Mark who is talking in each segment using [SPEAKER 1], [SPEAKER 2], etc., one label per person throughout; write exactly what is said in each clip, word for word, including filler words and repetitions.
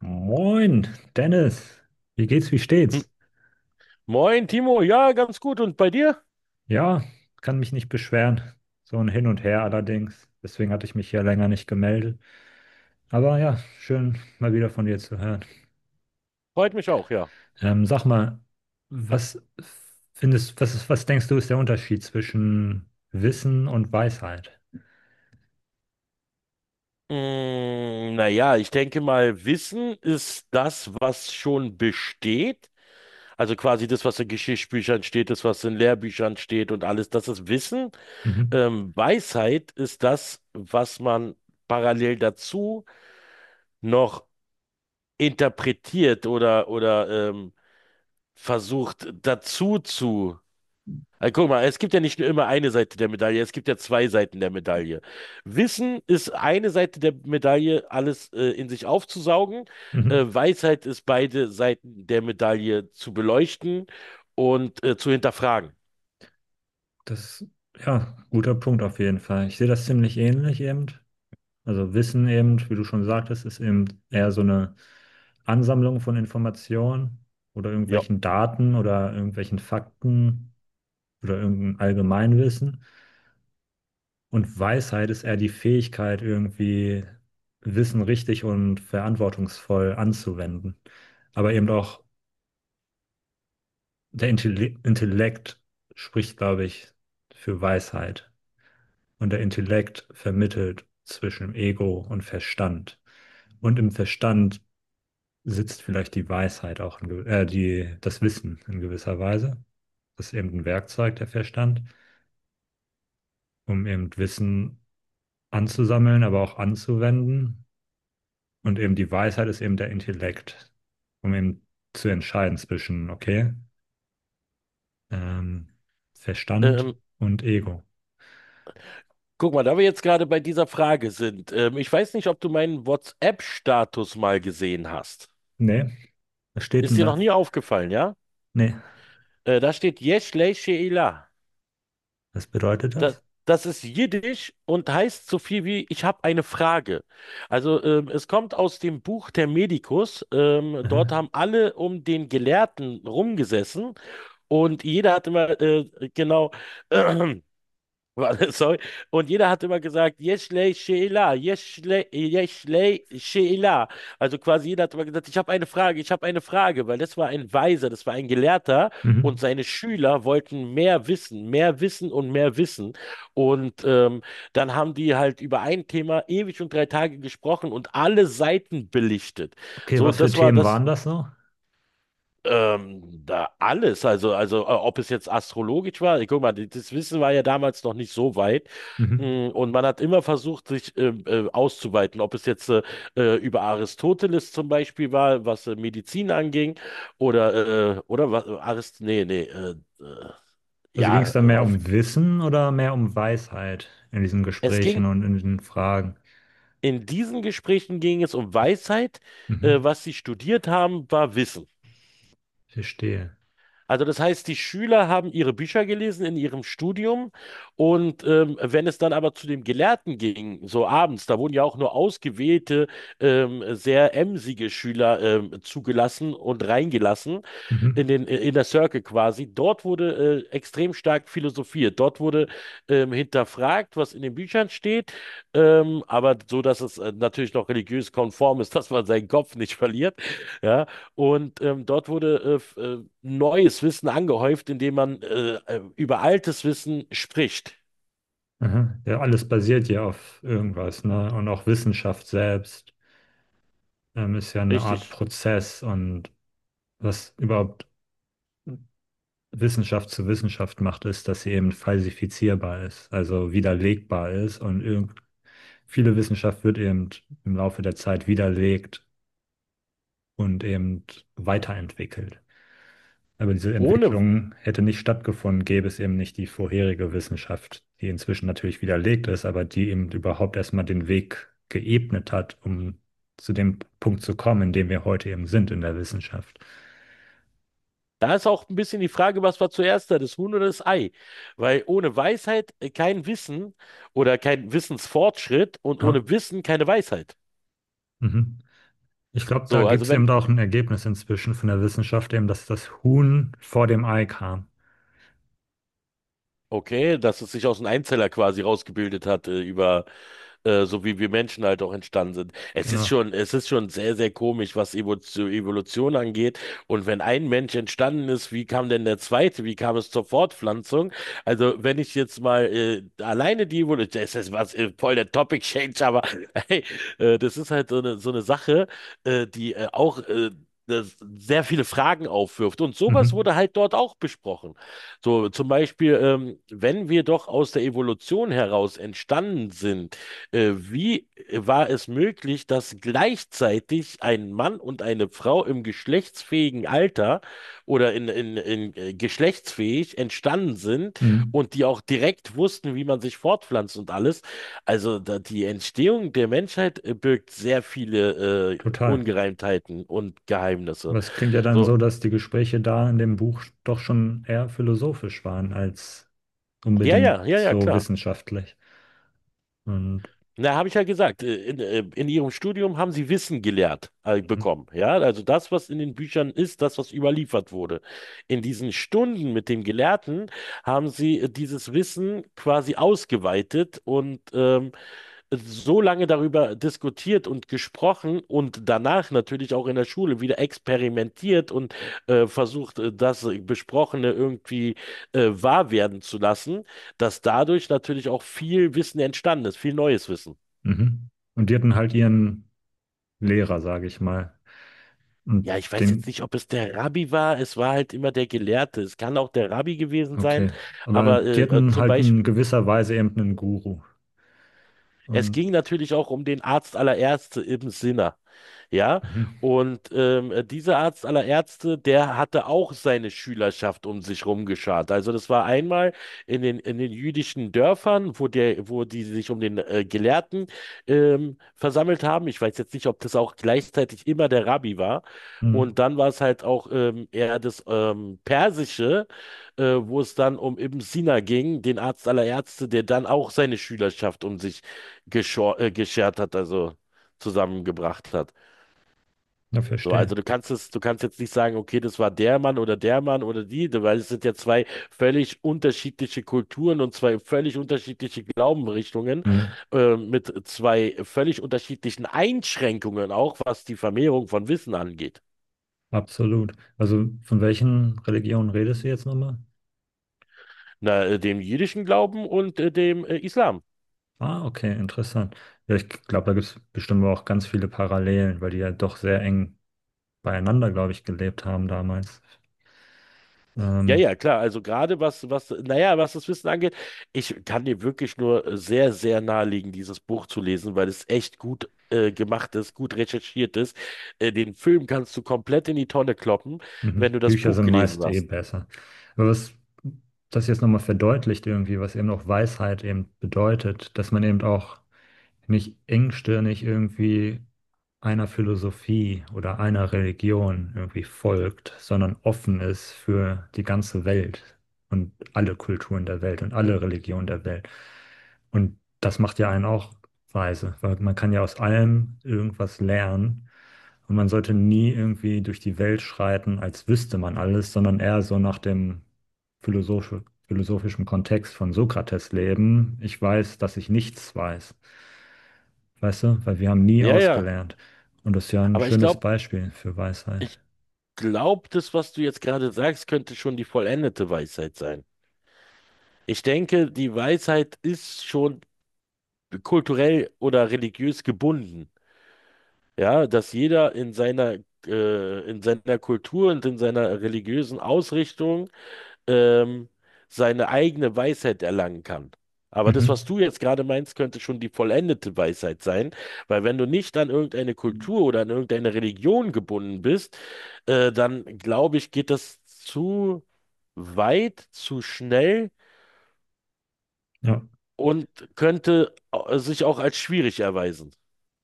[SPEAKER 1] Moin, Dennis. Wie geht's, wie
[SPEAKER 2] Hm.
[SPEAKER 1] steht's?
[SPEAKER 2] Moin, Timo. Ja, ganz gut. Und bei dir?
[SPEAKER 1] Ja, kann mich nicht beschweren. So ein Hin und Her allerdings. Deswegen hatte ich mich hier länger nicht gemeldet. Aber ja, schön mal wieder von dir zu hören.
[SPEAKER 2] Freut mich auch, ja.
[SPEAKER 1] Ähm, sag mal, was findest, was ist, was denkst du, ist der Unterschied zwischen Wissen und Weisheit?
[SPEAKER 2] Mm, naja, ich denke mal, Wissen ist das, was schon besteht. Also quasi das, was in Geschichtsbüchern steht, das, was in Lehrbüchern steht und alles, das ist Wissen.
[SPEAKER 1] Mhm.
[SPEAKER 2] Ähm, Weisheit ist das, was man parallel dazu noch interpretiert oder, oder ähm, versucht dazu zu Also guck mal, es gibt ja nicht nur immer eine Seite der Medaille, es gibt ja zwei Seiten der Medaille. Wissen ist eine Seite der Medaille, alles äh, in sich aufzusaugen. Äh,
[SPEAKER 1] Mhm.
[SPEAKER 2] Weisheit ist beide Seiten der Medaille zu beleuchten und äh, zu hinterfragen.
[SPEAKER 1] Das, ja, guter Punkt auf jeden Fall. Ich sehe das ziemlich ähnlich eben. Also Wissen eben, wie du schon sagtest, ist eben eher so eine Ansammlung von Informationen oder
[SPEAKER 2] Ja.
[SPEAKER 1] irgendwelchen Daten oder irgendwelchen Fakten oder irgendein Allgemeinwissen. Und Weisheit ist eher die Fähigkeit, irgendwie Wissen richtig und verantwortungsvoll anzuwenden. Aber eben auch der Intelli Intellekt spricht, glaube ich, für Weisheit. Und der Intellekt vermittelt zwischen Ego und Verstand. Und im Verstand sitzt vielleicht die Weisheit auch in, gew- äh, die, das Wissen in gewisser Weise. Das ist eben ein Werkzeug, der Verstand, um eben Wissen anzusammeln, aber auch anzuwenden. Und eben die Weisheit ist eben der Intellekt, um eben zu entscheiden zwischen, okay, ähm, Verstand
[SPEAKER 2] Ähm,
[SPEAKER 1] und Ego.
[SPEAKER 2] guck mal, da wir jetzt gerade bei dieser Frage sind, ähm, ich weiß nicht, ob du meinen WhatsApp-Status mal gesehen hast.
[SPEAKER 1] Nee, was steht
[SPEAKER 2] Ist
[SPEAKER 1] denn
[SPEAKER 2] dir
[SPEAKER 1] da?
[SPEAKER 2] noch nie aufgefallen, ja?
[SPEAKER 1] Nee,
[SPEAKER 2] Äh, da steht Yesh Lei She'ilah.
[SPEAKER 1] was bedeutet das?
[SPEAKER 2] Das, das ist Jiddisch und heißt so viel wie ich habe eine Frage. Also ähm, es kommt aus dem Buch Thermedicus. Ähm, dort
[SPEAKER 1] Mhm.
[SPEAKER 2] haben alle um den Gelehrten rumgesessen und jeder hat immer äh, genau Warte, Sorry. Und jeder hat immer gesagt, Yeşilay Şeyla, Yeşilay, Yeşilay Şeyla. Also quasi jeder hat immer gesagt, ich habe eine Frage, ich habe eine Frage, weil das war ein Weiser, das war ein Gelehrter und
[SPEAKER 1] Mhm.
[SPEAKER 2] seine Schüler wollten mehr wissen, mehr wissen und mehr wissen. Und ähm, dann haben die halt über ein Thema ewig und drei Tage gesprochen und alle Seiten belichtet.
[SPEAKER 1] Okay,
[SPEAKER 2] So,
[SPEAKER 1] was für
[SPEAKER 2] das war
[SPEAKER 1] Themen
[SPEAKER 2] das
[SPEAKER 1] waren das so?
[SPEAKER 2] ähm, da alles, also, also äh, ob es jetzt astrologisch war, ich guck mal, die- das Wissen war ja damals noch nicht so weit.
[SPEAKER 1] Mhm.
[SPEAKER 2] Mm, und man hat immer versucht, sich ähm, äh, auszuweiten, ob es jetzt äh, äh, über Aristoteles zum Beispiel war, was äh, Medizin anging, oder, äh, oder was, Arist, nee, nee, äh, äh,
[SPEAKER 1] Also ging
[SPEAKER 2] ja,
[SPEAKER 1] es da
[SPEAKER 2] äh,
[SPEAKER 1] mehr
[SPEAKER 2] auf,
[SPEAKER 1] um Wissen oder mehr um Weisheit in diesen
[SPEAKER 2] es
[SPEAKER 1] Gesprächen
[SPEAKER 2] ging,
[SPEAKER 1] und in den Fragen?
[SPEAKER 2] in diesen Gesprächen ging es um Weisheit, äh,
[SPEAKER 1] Mhm.
[SPEAKER 2] was sie studiert haben, war Wissen.
[SPEAKER 1] Verstehe.
[SPEAKER 2] Also das heißt, die Schüler haben ihre Bücher gelesen in ihrem Studium und ähm, wenn es dann aber zu dem Gelehrten ging, so abends, da wurden ja auch nur ausgewählte, ähm, sehr emsige Schüler ähm, zugelassen und reingelassen, in
[SPEAKER 1] Mhm.
[SPEAKER 2] den äh, Inner Circle quasi. Dort wurde äh, extrem stark philosophiert. Dort wurde ähm, hinterfragt, was in den Büchern steht, ähm, aber so, dass es äh, natürlich noch religiös konform ist, dass man seinen Kopf nicht verliert. Ja, und ähm, dort wurde äh, f- äh, neues Wissen angehäuft, indem man äh, äh, über altes Wissen spricht.
[SPEAKER 1] Aha. Ja, alles basiert ja auf irgendwas, ne? Und auch Wissenschaft selbst ähm, ist ja eine Art
[SPEAKER 2] Richtig.
[SPEAKER 1] Prozess, und was überhaupt Wissenschaft zu Wissenschaft macht, ist, dass sie eben falsifizierbar ist, also widerlegbar ist, und irgend viele Wissenschaft wird eben im Laufe der Zeit widerlegt und eben weiterentwickelt. Aber diese
[SPEAKER 2] Ohne
[SPEAKER 1] Entwicklung hätte nicht stattgefunden, gäbe es eben nicht die vorherige Wissenschaft, die inzwischen natürlich widerlegt ist, aber die eben überhaupt erstmal den Weg geebnet hat, um zu dem Punkt zu kommen, in dem wir heute eben sind in der Wissenschaft.
[SPEAKER 2] Da ist auch ein bisschen die Frage, was war zuerst da, das Huhn oder das Ei? Weil ohne Weisheit äh, kein Wissen oder kein Wissensfortschritt und
[SPEAKER 1] Ja,
[SPEAKER 2] ohne Wissen keine Weisheit.
[SPEAKER 1] mhm. Ich glaube, da
[SPEAKER 2] So,
[SPEAKER 1] gibt
[SPEAKER 2] also
[SPEAKER 1] es
[SPEAKER 2] wenn
[SPEAKER 1] eben auch ein Ergebnis inzwischen von der Wissenschaft, eben, dass das Huhn vor dem Ei kam.
[SPEAKER 2] Okay, dass es sich aus einem Einzeller quasi rausgebildet hat, äh, über äh, so wie wir Menschen halt auch entstanden sind. Es ist
[SPEAKER 1] Genau.
[SPEAKER 2] schon, es ist schon sehr, sehr komisch, was Evo- zu Evolution angeht. Und wenn ein Mensch entstanden ist, wie kam denn der zweite? Wie kam es zur Fortpflanzung? Also, wenn ich jetzt mal äh, alleine die Evolution, das ist was äh, voll der Topic Change, aber hey, äh, das ist halt so eine, so eine Sache, äh, die äh, auch äh, das sehr viele Fragen aufwirft. Und sowas
[SPEAKER 1] Mhm.
[SPEAKER 2] wurde halt dort auch besprochen. So, zum Beispiel, ähm, wenn wir doch aus der Evolution heraus entstanden sind, äh, wie war es möglich, dass gleichzeitig ein Mann und eine Frau im geschlechtsfähigen Alter oder in, in, in äh, geschlechtsfähig entstanden sind
[SPEAKER 1] Mhm.
[SPEAKER 2] und die auch direkt wussten, wie man sich fortpflanzt und alles? Also da, die Entstehung der Menschheit äh, birgt sehr viele äh,
[SPEAKER 1] Total.
[SPEAKER 2] Ungereimtheiten und Geheimnisse.
[SPEAKER 1] Was klingt ja dann
[SPEAKER 2] So,
[SPEAKER 1] so, dass die Gespräche da in dem Buch doch schon eher philosophisch waren als
[SPEAKER 2] ja,
[SPEAKER 1] unbedingt
[SPEAKER 2] ja, ja, ja,
[SPEAKER 1] so
[SPEAKER 2] klar.
[SPEAKER 1] wissenschaftlich. Und,
[SPEAKER 2] Na, habe ich ja gesagt, äh, in, äh, in ihrem Studium haben sie Wissen gelehrt, äh, bekommen. Ja, also das, was in den Büchern ist, das, was überliefert wurde. In diesen Stunden mit dem Gelehrten haben sie äh, dieses Wissen quasi ausgeweitet und ähm, so lange darüber diskutiert und gesprochen und danach natürlich auch in der Schule wieder experimentiert und äh, versucht, äh, das Besprochene irgendwie äh, wahr werden zu lassen, dass dadurch natürlich auch viel Wissen entstanden ist, viel neues Wissen.
[SPEAKER 1] mhm. Und die hatten halt ihren Lehrer, sage ich mal.
[SPEAKER 2] Ja,
[SPEAKER 1] Und
[SPEAKER 2] ich weiß jetzt
[SPEAKER 1] den,
[SPEAKER 2] nicht, ob es der Rabbi war. Es war halt immer der Gelehrte. Es kann auch der Rabbi gewesen sein.
[SPEAKER 1] okay. Aber
[SPEAKER 2] Aber
[SPEAKER 1] die
[SPEAKER 2] äh, äh,
[SPEAKER 1] hatten
[SPEAKER 2] zum
[SPEAKER 1] halt
[SPEAKER 2] Beispiel,
[SPEAKER 1] in gewisser Weise eben einen Guru.
[SPEAKER 2] es
[SPEAKER 1] Und
[SPEAKER 2] ging natürlich auch um den Arzt aller Ärzte, Ibn Sina. Ja,
[SPEAKER 1] mhm.
[SPEAKER 2] und ähm, dieser Arzt aller Ärzte, der hatte auch seine Schülerschaft um sich rumgeschart. Also das war einmal in den, in den jüdischen Dörfern, wo der, wo die sich um den äh, Gelehrten ähm, versammelt haben. Ich weiß jetzt nicht, ob das auch gleichzeitig immer der Rabbi war. Und
[SPEAKER 1] Mhm.
[SPEAKER 2] dann war es halt auch ähm, eher das ähm, Persische, äh, wo es dann um Ibn Sina ging, den Arzt aller Ärzte, der dann auch seine Schülerschaft um sich geschor äh, geschert hat, also zusammengebracht hat.
[SPEAKER 1] Ja,
[SPEAKER 2] So, also
[SPEAKER 1] verstehe.
[SPEAKER 2] du kannst es, du kannst jetzt nicht sagen, okay, das war der Mann oder der Mann oder die, weil es sind ja zwei völlig unterschiedliche Kulturen und zwei völlig unterschiedliche Glaubensrichtungen
[SPEAKER 1] Mhm.
[SPEAKER 2] äh, mit zwei völlig unterschiedlichen Einschränkungen auch, was die Vermehrung von Wissen angeht.
[SPEAKER 1] Absolut. Also von welchen Religionen redest du jetzt nochmal?
[SPEAKER 2] Na, äh, dem jüdischen Glauben und äh, dem äh, Islam.
[SPEAKER 1] Ah, okay, interessant. Ja, ich glaube, da gibt es bestimmt auch ganz viele Parallelen, weil die ja doch sehr eng beieinander, glaube ich, gelebt haben damals.
[SPEAKER 2] Ja,
[SPEAKER 1] Ähm,
[SPEAKER 2] ja, klar. Also gerade was, was, naja, was das Wissen angeht, ich kann dir wirklich nur äh, sehr, sehr nahelegen, dieses Buch zu lesen, weil es echt gut äh, gemacht ist, gut recherchiert ist. Äh, den Film kannst du komplett in die Tonne kloppen, wenn
[SPEAKER 1] Mhm.
[SPEAKER 2] du das
[SPEAKER 1] Bücher
[SPEAKER 2] Buch
[SPEAKER 1] sind
[SPEAKER 2] gelesen
[SPEAKER 1] meist eh
[SPEAKER 2] hast.
[SPEAKER 1] besser. Aber was das jetzt nochmal verdeutlicht irgendwie, was eben auch Weisheit eben bedeutet, dass man eben auch nicht engstirnig irgendwie einer Philosophie oder einer Religion irgendwie folgt, sondern offen ist für die ganze Welt und alle Kulturen der Welt und alle Religionen der Welt. Und das macht ja einen auch weise, weil man kann ja aus allem irgendwas lernen, und man sollte nie irgendwie durch die Welt schreiten, als wüsste man alles, sondern eher so nach dem philosophisch, philosophischen Kontext von Sokrates leben. Ich weiß, dass ich nichts weiß. Weißt du, weil wir haben nie
[SPEAKER 2] Ja, ja.
[SPEAKER 1] ausgelernt. Und das ist ja ein
[SPEAKER 2] Aber ich
[SPEAKER 1] schönes
[SPEAKER 2] glaube,
[SPEAKER 1] Beispiel für Weisheit.
[SPEAKER 2] ich glaube, das, was du jetzt gerade sagst, könnte schon die vollendete Weisheit sein. Ich denke, die Weisheit ist schon kulturell oder religiös gebunden. Ja, dass jeder in seiner, äh, in seiner Kultur und in seiner religiösen Ausrichtung ähm, seine eigene Weisheit erlangen kann. Aber das, was
[SPEAKER 1] Mhm.
[SPEAKER 2] du jetzt gerade meinst, könnte schon die vollendete Weisheit sein, weil wenn du nicht an irgendeine Kultur oder an irgendeine Religion gebunden bist, äh, dann glaube ich, geht das zu weit, zu schnell
[SPEAKER 1] Ja.
[SPEAKER 2] und könnte au- sich auch als schwierig erweisen,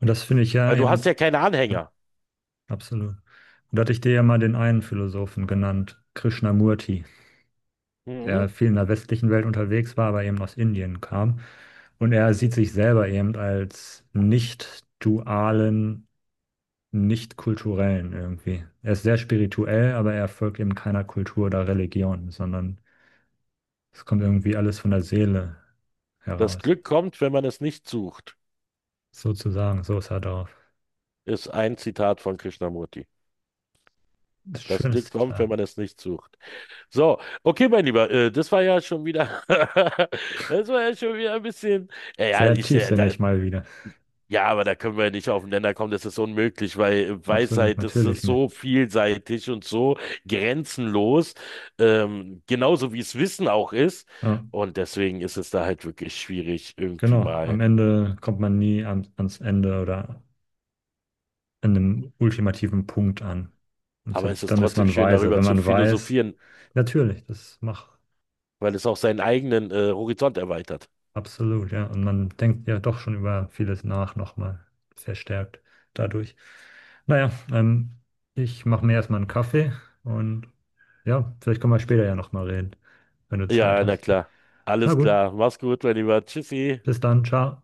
[SPEAKER 1] Und das finde ich ja
[SPEAKER 2] weil du
[SPEAKER 1] eben,
[SPEAKER 2] hast ja keine
[SPEAKER 1] ja,
[SPEAKER 2] Anhänger.
[SPEAKER 1] absolut. Und da hatte ich dir ja mal den einen Philosophen genannt, Krishnamurti, der
[SPEAKER 2] Mhm.
[SPEAKER 1] viel in der westlichen Welt unterwegs war, aber eben aus Indien kam. Und er sieht sich selber eben als nicht dualen, nicht kulturellen irgendwie. Er ist sehr spirituell, aber er folgt eben keiner Kultur oder Religion, sondern es kommt irgendwie alles von der Seele
[SPEAKER 2] Das
[SPEAKER 1] heraus.
[SPEAKER 2] Glück kommt, wenn man es nicht sucht,
[SPEAKER 1] Sozusagen, so sah er aus.
[SPEAKER 2] ist ein Zitat von Krishnamurti.
[SPEAKER 1] Das
[SPEAKER 2] Das
[SPEAKER 1] schönste
[SPEAKER 2] Glück kommt, wenn
[SPEAKER 1] Detail.
[SPEAKER 2] man es nicht sucht. So, okay, mein Lieber, äh, das war ja schon wieder, das war ja schon wieder ein bisschen, ja, ja,
[SPEAKER 1] Sehr
[SPEAKER 2] ich, äh, da,
[SPEAKER 1] tiefsinnig mal wieder.
[SPEAKER 2] ja, aber da können wir nicht auf den Nenner kommen, das ist unmöglich, weil
[SPEAKER 1] Absolut,
[SPEAKER 2] Weisheit, das
[SPEAKER 1] natürlich
[SPEAKER 2] ist
[SPEAKER 1] nicht.
[SPEAKER 2] so vielseitig und so grenzenlos, ähm, genauso wie es Wissen auch ist.
[SPEAKER 1] Ja,
[SPEAKER 2] Und deswegen ist es da halt wirklich schwierig, irgendwie
[SPEAKER 1] genau. Am
[SPEAKER 2] mal.
[SPEAKER 1] Ende kommt man nie an, ans Ende oder an einem ultimativen Punkt an. Und ich
[SPEAKER 2] Aber es
[SPEAKER 1] glaub,
[SPEAKER 2] ist
[SPEAKER 1] dann ist
[SPEAKER 2] trotzdem
[SPEAKER 1] man
[SPEAKER 2] schön,
[SPEAKER 1] weise.
[SPEAKER 2] darüber
[SPEAKER 1] Wenn
[SPEAKER 2] zu
[SPEAKER 1] man weiß,
[SPEAKER 2] philosophieren.
[SPEAKER 1] natürlich, das macht
[SPEAKER 2] Weil es auch seinen eigenen äh, Horizont erweitert.
[SPEAKER 1] absolut, ja. Und man denkt ja doch schon über vieles nach, nochmal verstärkt dadurch. Naja, ähm, ich mache mir erstmal einen Kaffee und ja, vielleicht können wir später ja nochmal reden, wenn du Zeit
[SPEAKER 2] Ja, na
[SPEAKER 1] hast.
[SPEAKER 2] klar.
[SPEAKER 1] Na
[SPEAKER 2] Alles
[SPEAKER 1] gut,
[SPEAKER 2] klar. Mach's gut, mein Lieber. Tschüssi.
[SPEAKER 1] bis dann, ciao.